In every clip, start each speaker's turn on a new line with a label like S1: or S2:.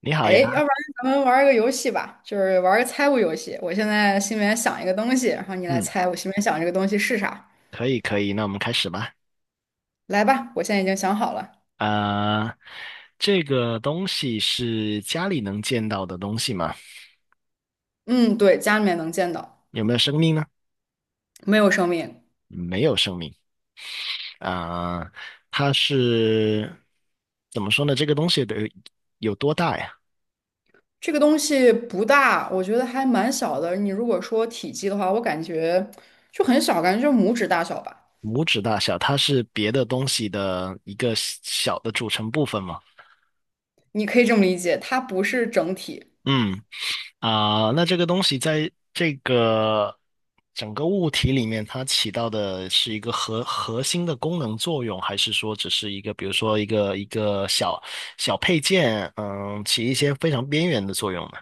S1: 你好
S2: 哎，
S1: 呀，
S2: 要不然咱们玩一个游戏吧，就是玩儿个猜物游戏。我现在心里面想一个东西，然后你来
S1: 嗯，
S2: 猜我心里面想这个东西是啥。
S1: 可以可以，那我们开始吧。
S2: 来吧，我现在已经想好了。
S1: 啊、这个东西是家里能见到的东西吗？
S2: 嗯，对，家里面能见到，
S1: 有没有生命呢？
S2: 没有生命。
S1: 没有生命。啊、它是怎么说呢？这个东西得有多大呀？
S2: 这个东西不大，我觉得还蛮小的。你如果说体积的话，我感觉就很小，感觉就是拇指大小吧。
S1: 拇指大小，它是别的东西的一个小的组成部分吗？
S2: 你可以这么理解，它不是整体。
S1: 嗯。啊，那这个东西在这个整个物体里面，它起到的是一个核心的功能作用，还是说只是一个，比如说一个小配件，嗯，起一些非常边缘的作用呢？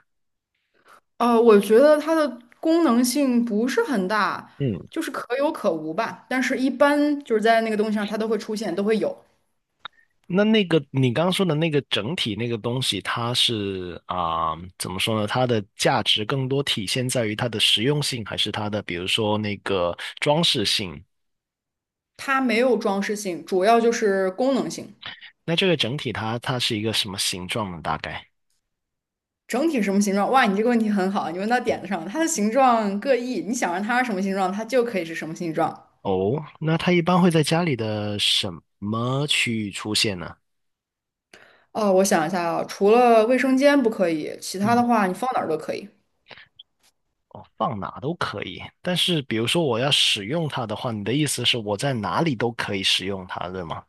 S2: 我觉得它的功能性不是很大，
S1: 嗯。
S2: 就是可有可无吧。但是一般就是在那个东西上，它都会出现，都会有。
S1: 那你刚刚说的那个整体那个东西，它是啊，怎么说呢？它的价值更多体现在于它的实用性，还是它的比如说那个装饰性？
S2: 它没有装饰性，主要就是功能性。
S1: 那这个整体它是一个什么形状呢？大概？
S2: 整体什么形状？哇，你这个问题很好，你问到点子上了。它的形状各异，你想让它是什么形状，它就可以是什么形状。
S1: 哦，那它一般会在家里的什么区域出现呢？
S2: 哦，我想一下啊，除了卫生间不可以，其他的
S1: 嗯。
S2: 话你放哪儿都可以。
S1: 哦，放哪都可以。但是，比如说我要使用它的话，你的意思是我在哪里都可以使用它，对吗？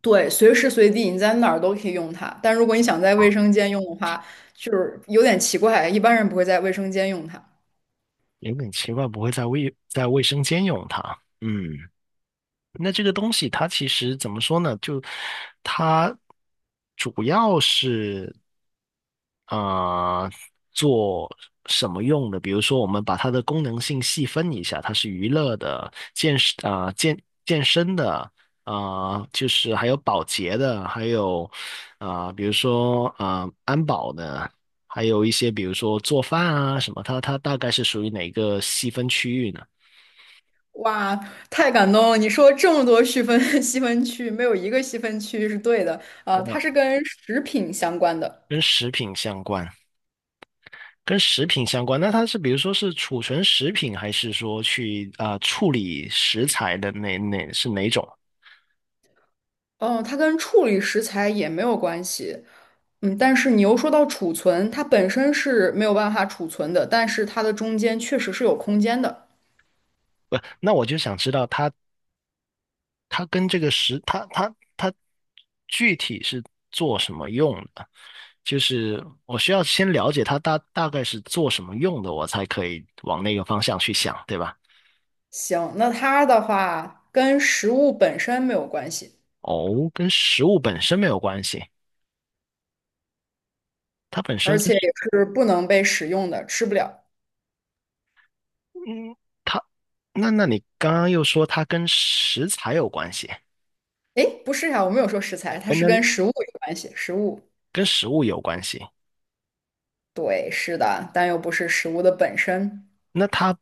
S2: 对，随时随地你在哪儿都可以用它。但如果你想在卫生间用的话，就是有点奇怪，一般人不会在卫生间用它。
S1: 有点奇怪，不会在卫生间用它。嗯。那这个东西它其实怎么说呢？就它主要是。啊、做什么用的？比如说，我们把它的功能性细分一下，它是娱乐的、健身啊、健身的就是还有保洁的，还有比如说安保的，还有一些比如说做饭啊什么，它大概是属于哪个细分区域呢？
S2: 哇，太感动了！你说这么多细分 细分区，没有一个细分区是对的。啊、它
S1: 哇，
S2: 是跟食品相关的。
S1: 跟食品相关。跟食品相关，那它是比如说是储存食品，还是说去处理食材的哪是哪种？
S2: 哦，它跟处理食材也没有关系，嗯，但是你又说到储存，它本身是没有办法储存的，但是它的中间确实是有空间的。
S1: 不，那我就想知道它跟这个食，它具体是做什么用的？就是我需要先了解它大概是做什么用的，我才可以往那个方向去想，对吧？
S2: 行，那它的话跟食物本身没有关系，
S1: 哦，跟食物本身没有关系，它本身
S2: 而
S1: 跟
S2: 且也是不能被使用的，吃不了。
S1: 嗯，它那你刚刚又说它跟食材有关系，
S2: 诶，不是呀，我没有说食材，它
S1: 跟
S2: 是跟
S1: 跟
S2: 食物有关系，食物，
S1: 跟食物有关系，
S2: 对，是的，但又不是食物的本身，
S1: 那它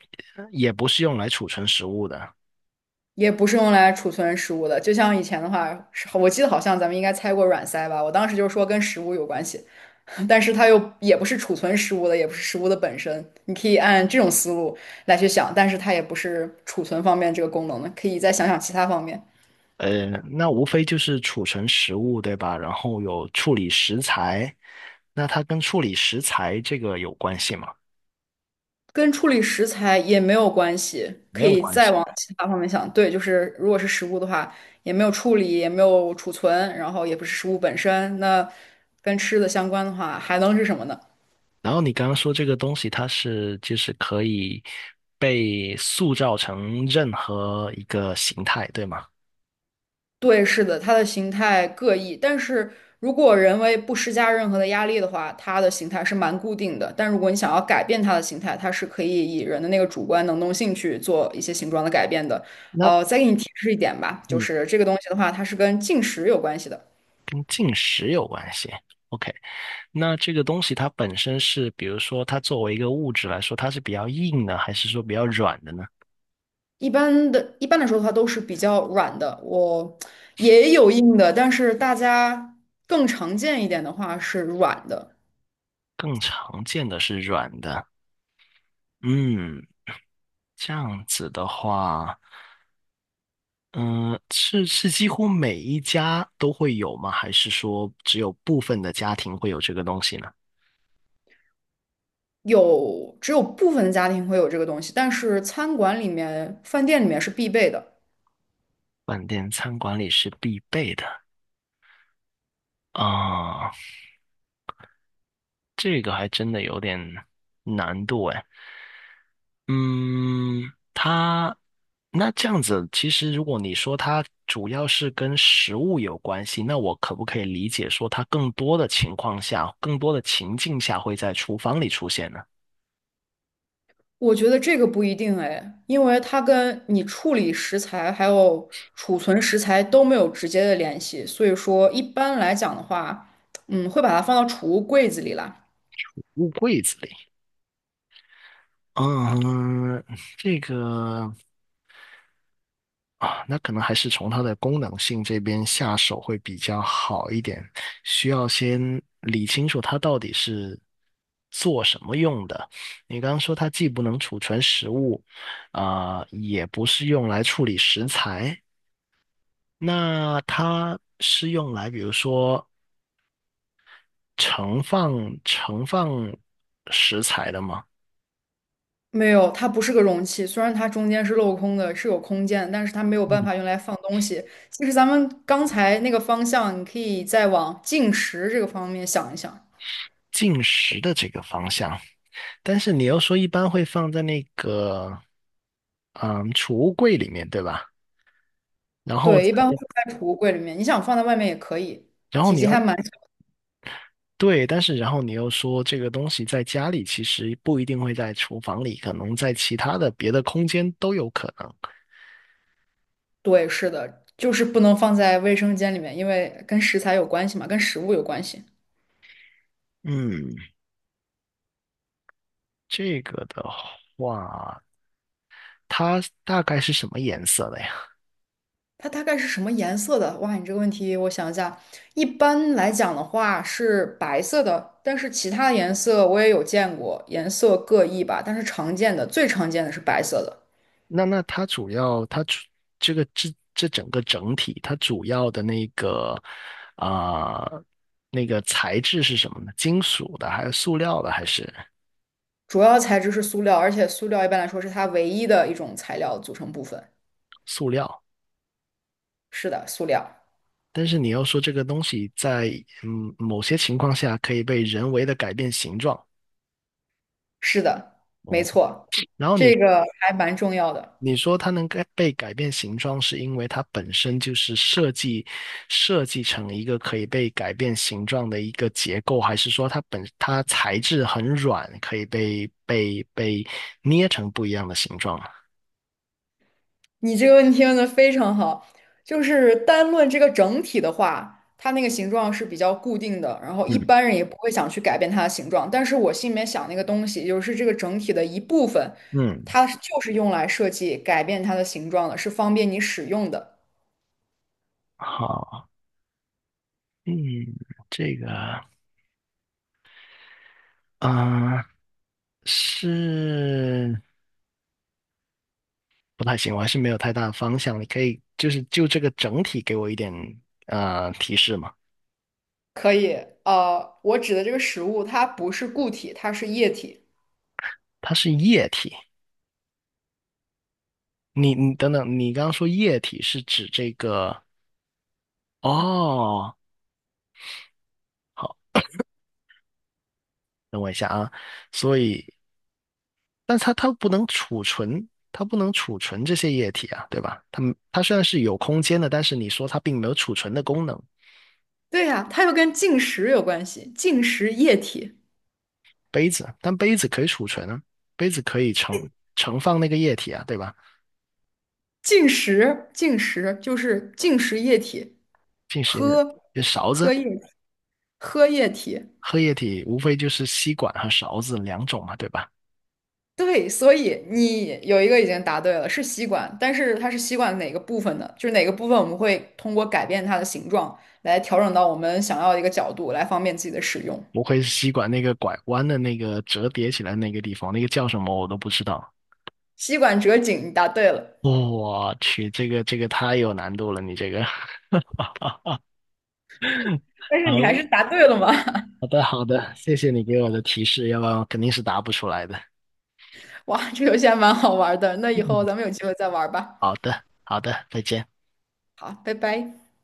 S1: 也不是用来储存食物的。
S2: 也不是用来储存食物的。就像以前的话，是我记得好像咱们应该猜过软塞吧，我当时就说跟食物有关系。但是它又也不是储存食物的，也不是食物的本身。你可以按这种思路来去想，但是它也不是储存方面这个功能的，可以再想想其他方面，
S1: 呃，那无非就是储存食物，对吧？然后有处理食材，那它跟处理食材这个有关系吗？
S2: 跟处理食材也没有关系，
S1: 没
S2: 可
S1: 有
S2: 以
S1: 关
S2: 再
S1: 系。
S2: 往其他方面想。对，就是如果是食物的话，也没有处理，也没有储存，然后也不是食物本身，那跟吃的相关的话，还能是什么呢？
S1: 然后你刚刚说这个东西，它是就是可以被塑造成任何一个形态，对吗？
S2: 对，是的，它的形态各异，但是如果人为不施加任何的压力的话，它的形态是蛮固定的。但如果你想要改变它的形态，它是可以以人的那个主观能动性去做一些形状的改变的。
S1: 那
S2: 再给你提示一点吧，就
S1: 你
S2: 是这个东西的话，它是跟进食有关系的。
S1: 跟进食有关系。OK，那这个东西它本身是，比如说它作为一个物质来说，它是比较硬的，还是说比较软的呢？
S2: 一般的，一般来说的话都是比较软的，我也有硬的，但是大家更常见一点的话是软的。
S1: 更常见的是软的。嗯，这样子的话，嗯，是几乎每一家都会有吗？还是说只有部分的家庭会有这个东西呢？
S2: 有，只有部分的家庭会有这个东西，但是餐馆里面、饭店里面是必备的。
S1: 饭店餐馆里是必备的。啊，这个还真的有点难度哎。嗯。它那这样子，其实如果你说它主要是跟食物有关系，那我可不可以理解说它更多的情况下，更多的情境下会在厨房里出现呢？
S2: 我觉得这个不一定哎，因为它跟你处理食材还有储存食材都没有直接的联系，所以说一般来讲的话，嗯，会把它放到储物柜子里啦。
S1: 物柜子里。嗯。这个啊，那可能还是从它的功能性这边下手会比较好一点，需要先理清楚它到底是做什么用的。你刚刚说它既不能储存食物，也不是用来处理食材，那它是用来比如说盛放盛放食材的吗？
S2: 没有，它不是个容器，虽然它中间是镂空的，是有空间，但是它没有办法用来放东西。其实咱们刚才那个方向，你可以再往进食这个方面想一想。
S1: 进食的这个方向。但是你又说一般会放在那个嗯储物柜里面，对吧？然后再
S2: 对，一般会放在储物柜里面，你想放在外面也可以，
S1: 然后
S2: 体
S1: 你
S2: 积
S1: 又
S2: 还蛮小。
S1: 对，但是你说这个东西在家里其实不一定会在厨房里，可能在其他的别的空间都有可能。
S2: 对，是的，就是不能放在卫生间里面，因为跟食材有关系嘛，跟食物有关系。
S1: 嗯。这个的话，它大概是什么颜色的呀？
S2: 它大概是什么颜色的？哇，你这个问题我想一下，一般来讲的话是白色的，但是其他颜色我也有见过，颜色各异吧。但是常见的，最常见的是白色的，
S1: 那它主要这个这这整个整体，它主要的那个啊、呃那个材质是什么呢？金属的还是塑料的还是
S2: 主要材质是塑料，而且塑料一般来说是它唯一的一种材料组成部分。
S1: 塑料？
S2: 是的，塑料。
S1: 但是你要说这个东西在嗯某些情况下可以被人为的改变形状
S2: 是的，没
S1: 哦，
S2: 错，
S1: 然后
S2: 这
S1: 你
S2: 个还蛮重要的。
S1: 你说它能改被改变形状，是因为它本身就是设计成一个可以被改变形状的一个结构，还是说它本它材质很软，可以被捏成不一样的形状啊。
S2: 你这个问题问的非常好，就是单论这个整体的话，它那个形状是比较固定的，然后一
S1: 嗯。
S2: 般人也不会想去改变它的形状。但是我心里面想那个东西，就是这个整体的一部分，
S1: 嗯，
S2: 它就是用来设计改变它的形状的，是方便你使用的。
S1: 好，嗯。这个啊，是不太行，我还是没有太大的方向。你可以就是就这个整体给我一点提示吗？
S2: 可以，我指的这个食物，它不是固体，它是液体。
S1: 它是液体，你等等，你刚刚说液体是指这个。哦，好，等我一下啊。所以，但它不能储存，它不能储存这些液体啊，对吧？它们它虽然是有空间的，但是你说它并没有储存的功能。
S2: 对呀，它又跟进食有关系，进食液体。
S1: 杯子，但杯子可以储存啊，杯子可以盛放那个液体啊，对吧？
S2: 进食，进食就是进食液体，
S1: 进时
S2: 喝
S1: 勺
S2: 喝
S1: 子
S2: 液喝液体。
S1: 喝液体，无非就是吸管和勺子两种嘛，对吧？
S2: 对，所以你有一个已经答对了，是吸管，但是它是吸管哪个部分呢？就是哪个部分我们会通过改变它的形状来调整到我们想要的一个角度，来方便自己的使用。
S1: 无非是吸管那个拐弯的那个折叠起来那个地方，那个叫什么我都不知道。
S2: 吸管折颈，你答对了，
S1: 哦我去，这个太有难度了，你这个。
S2: 但是你还是
S1: 好
S2: 答对了吗？
S1: 好的好的，谢谢你给我的提示，要不然我肯定是答不出来的。
S2: 哇，这游戏还蛮好玩的，那以后
S1: 嗯，
S2: 咱们有机会再玩吧。
S1: 好的好的，再见。
S2: 好，拜拜。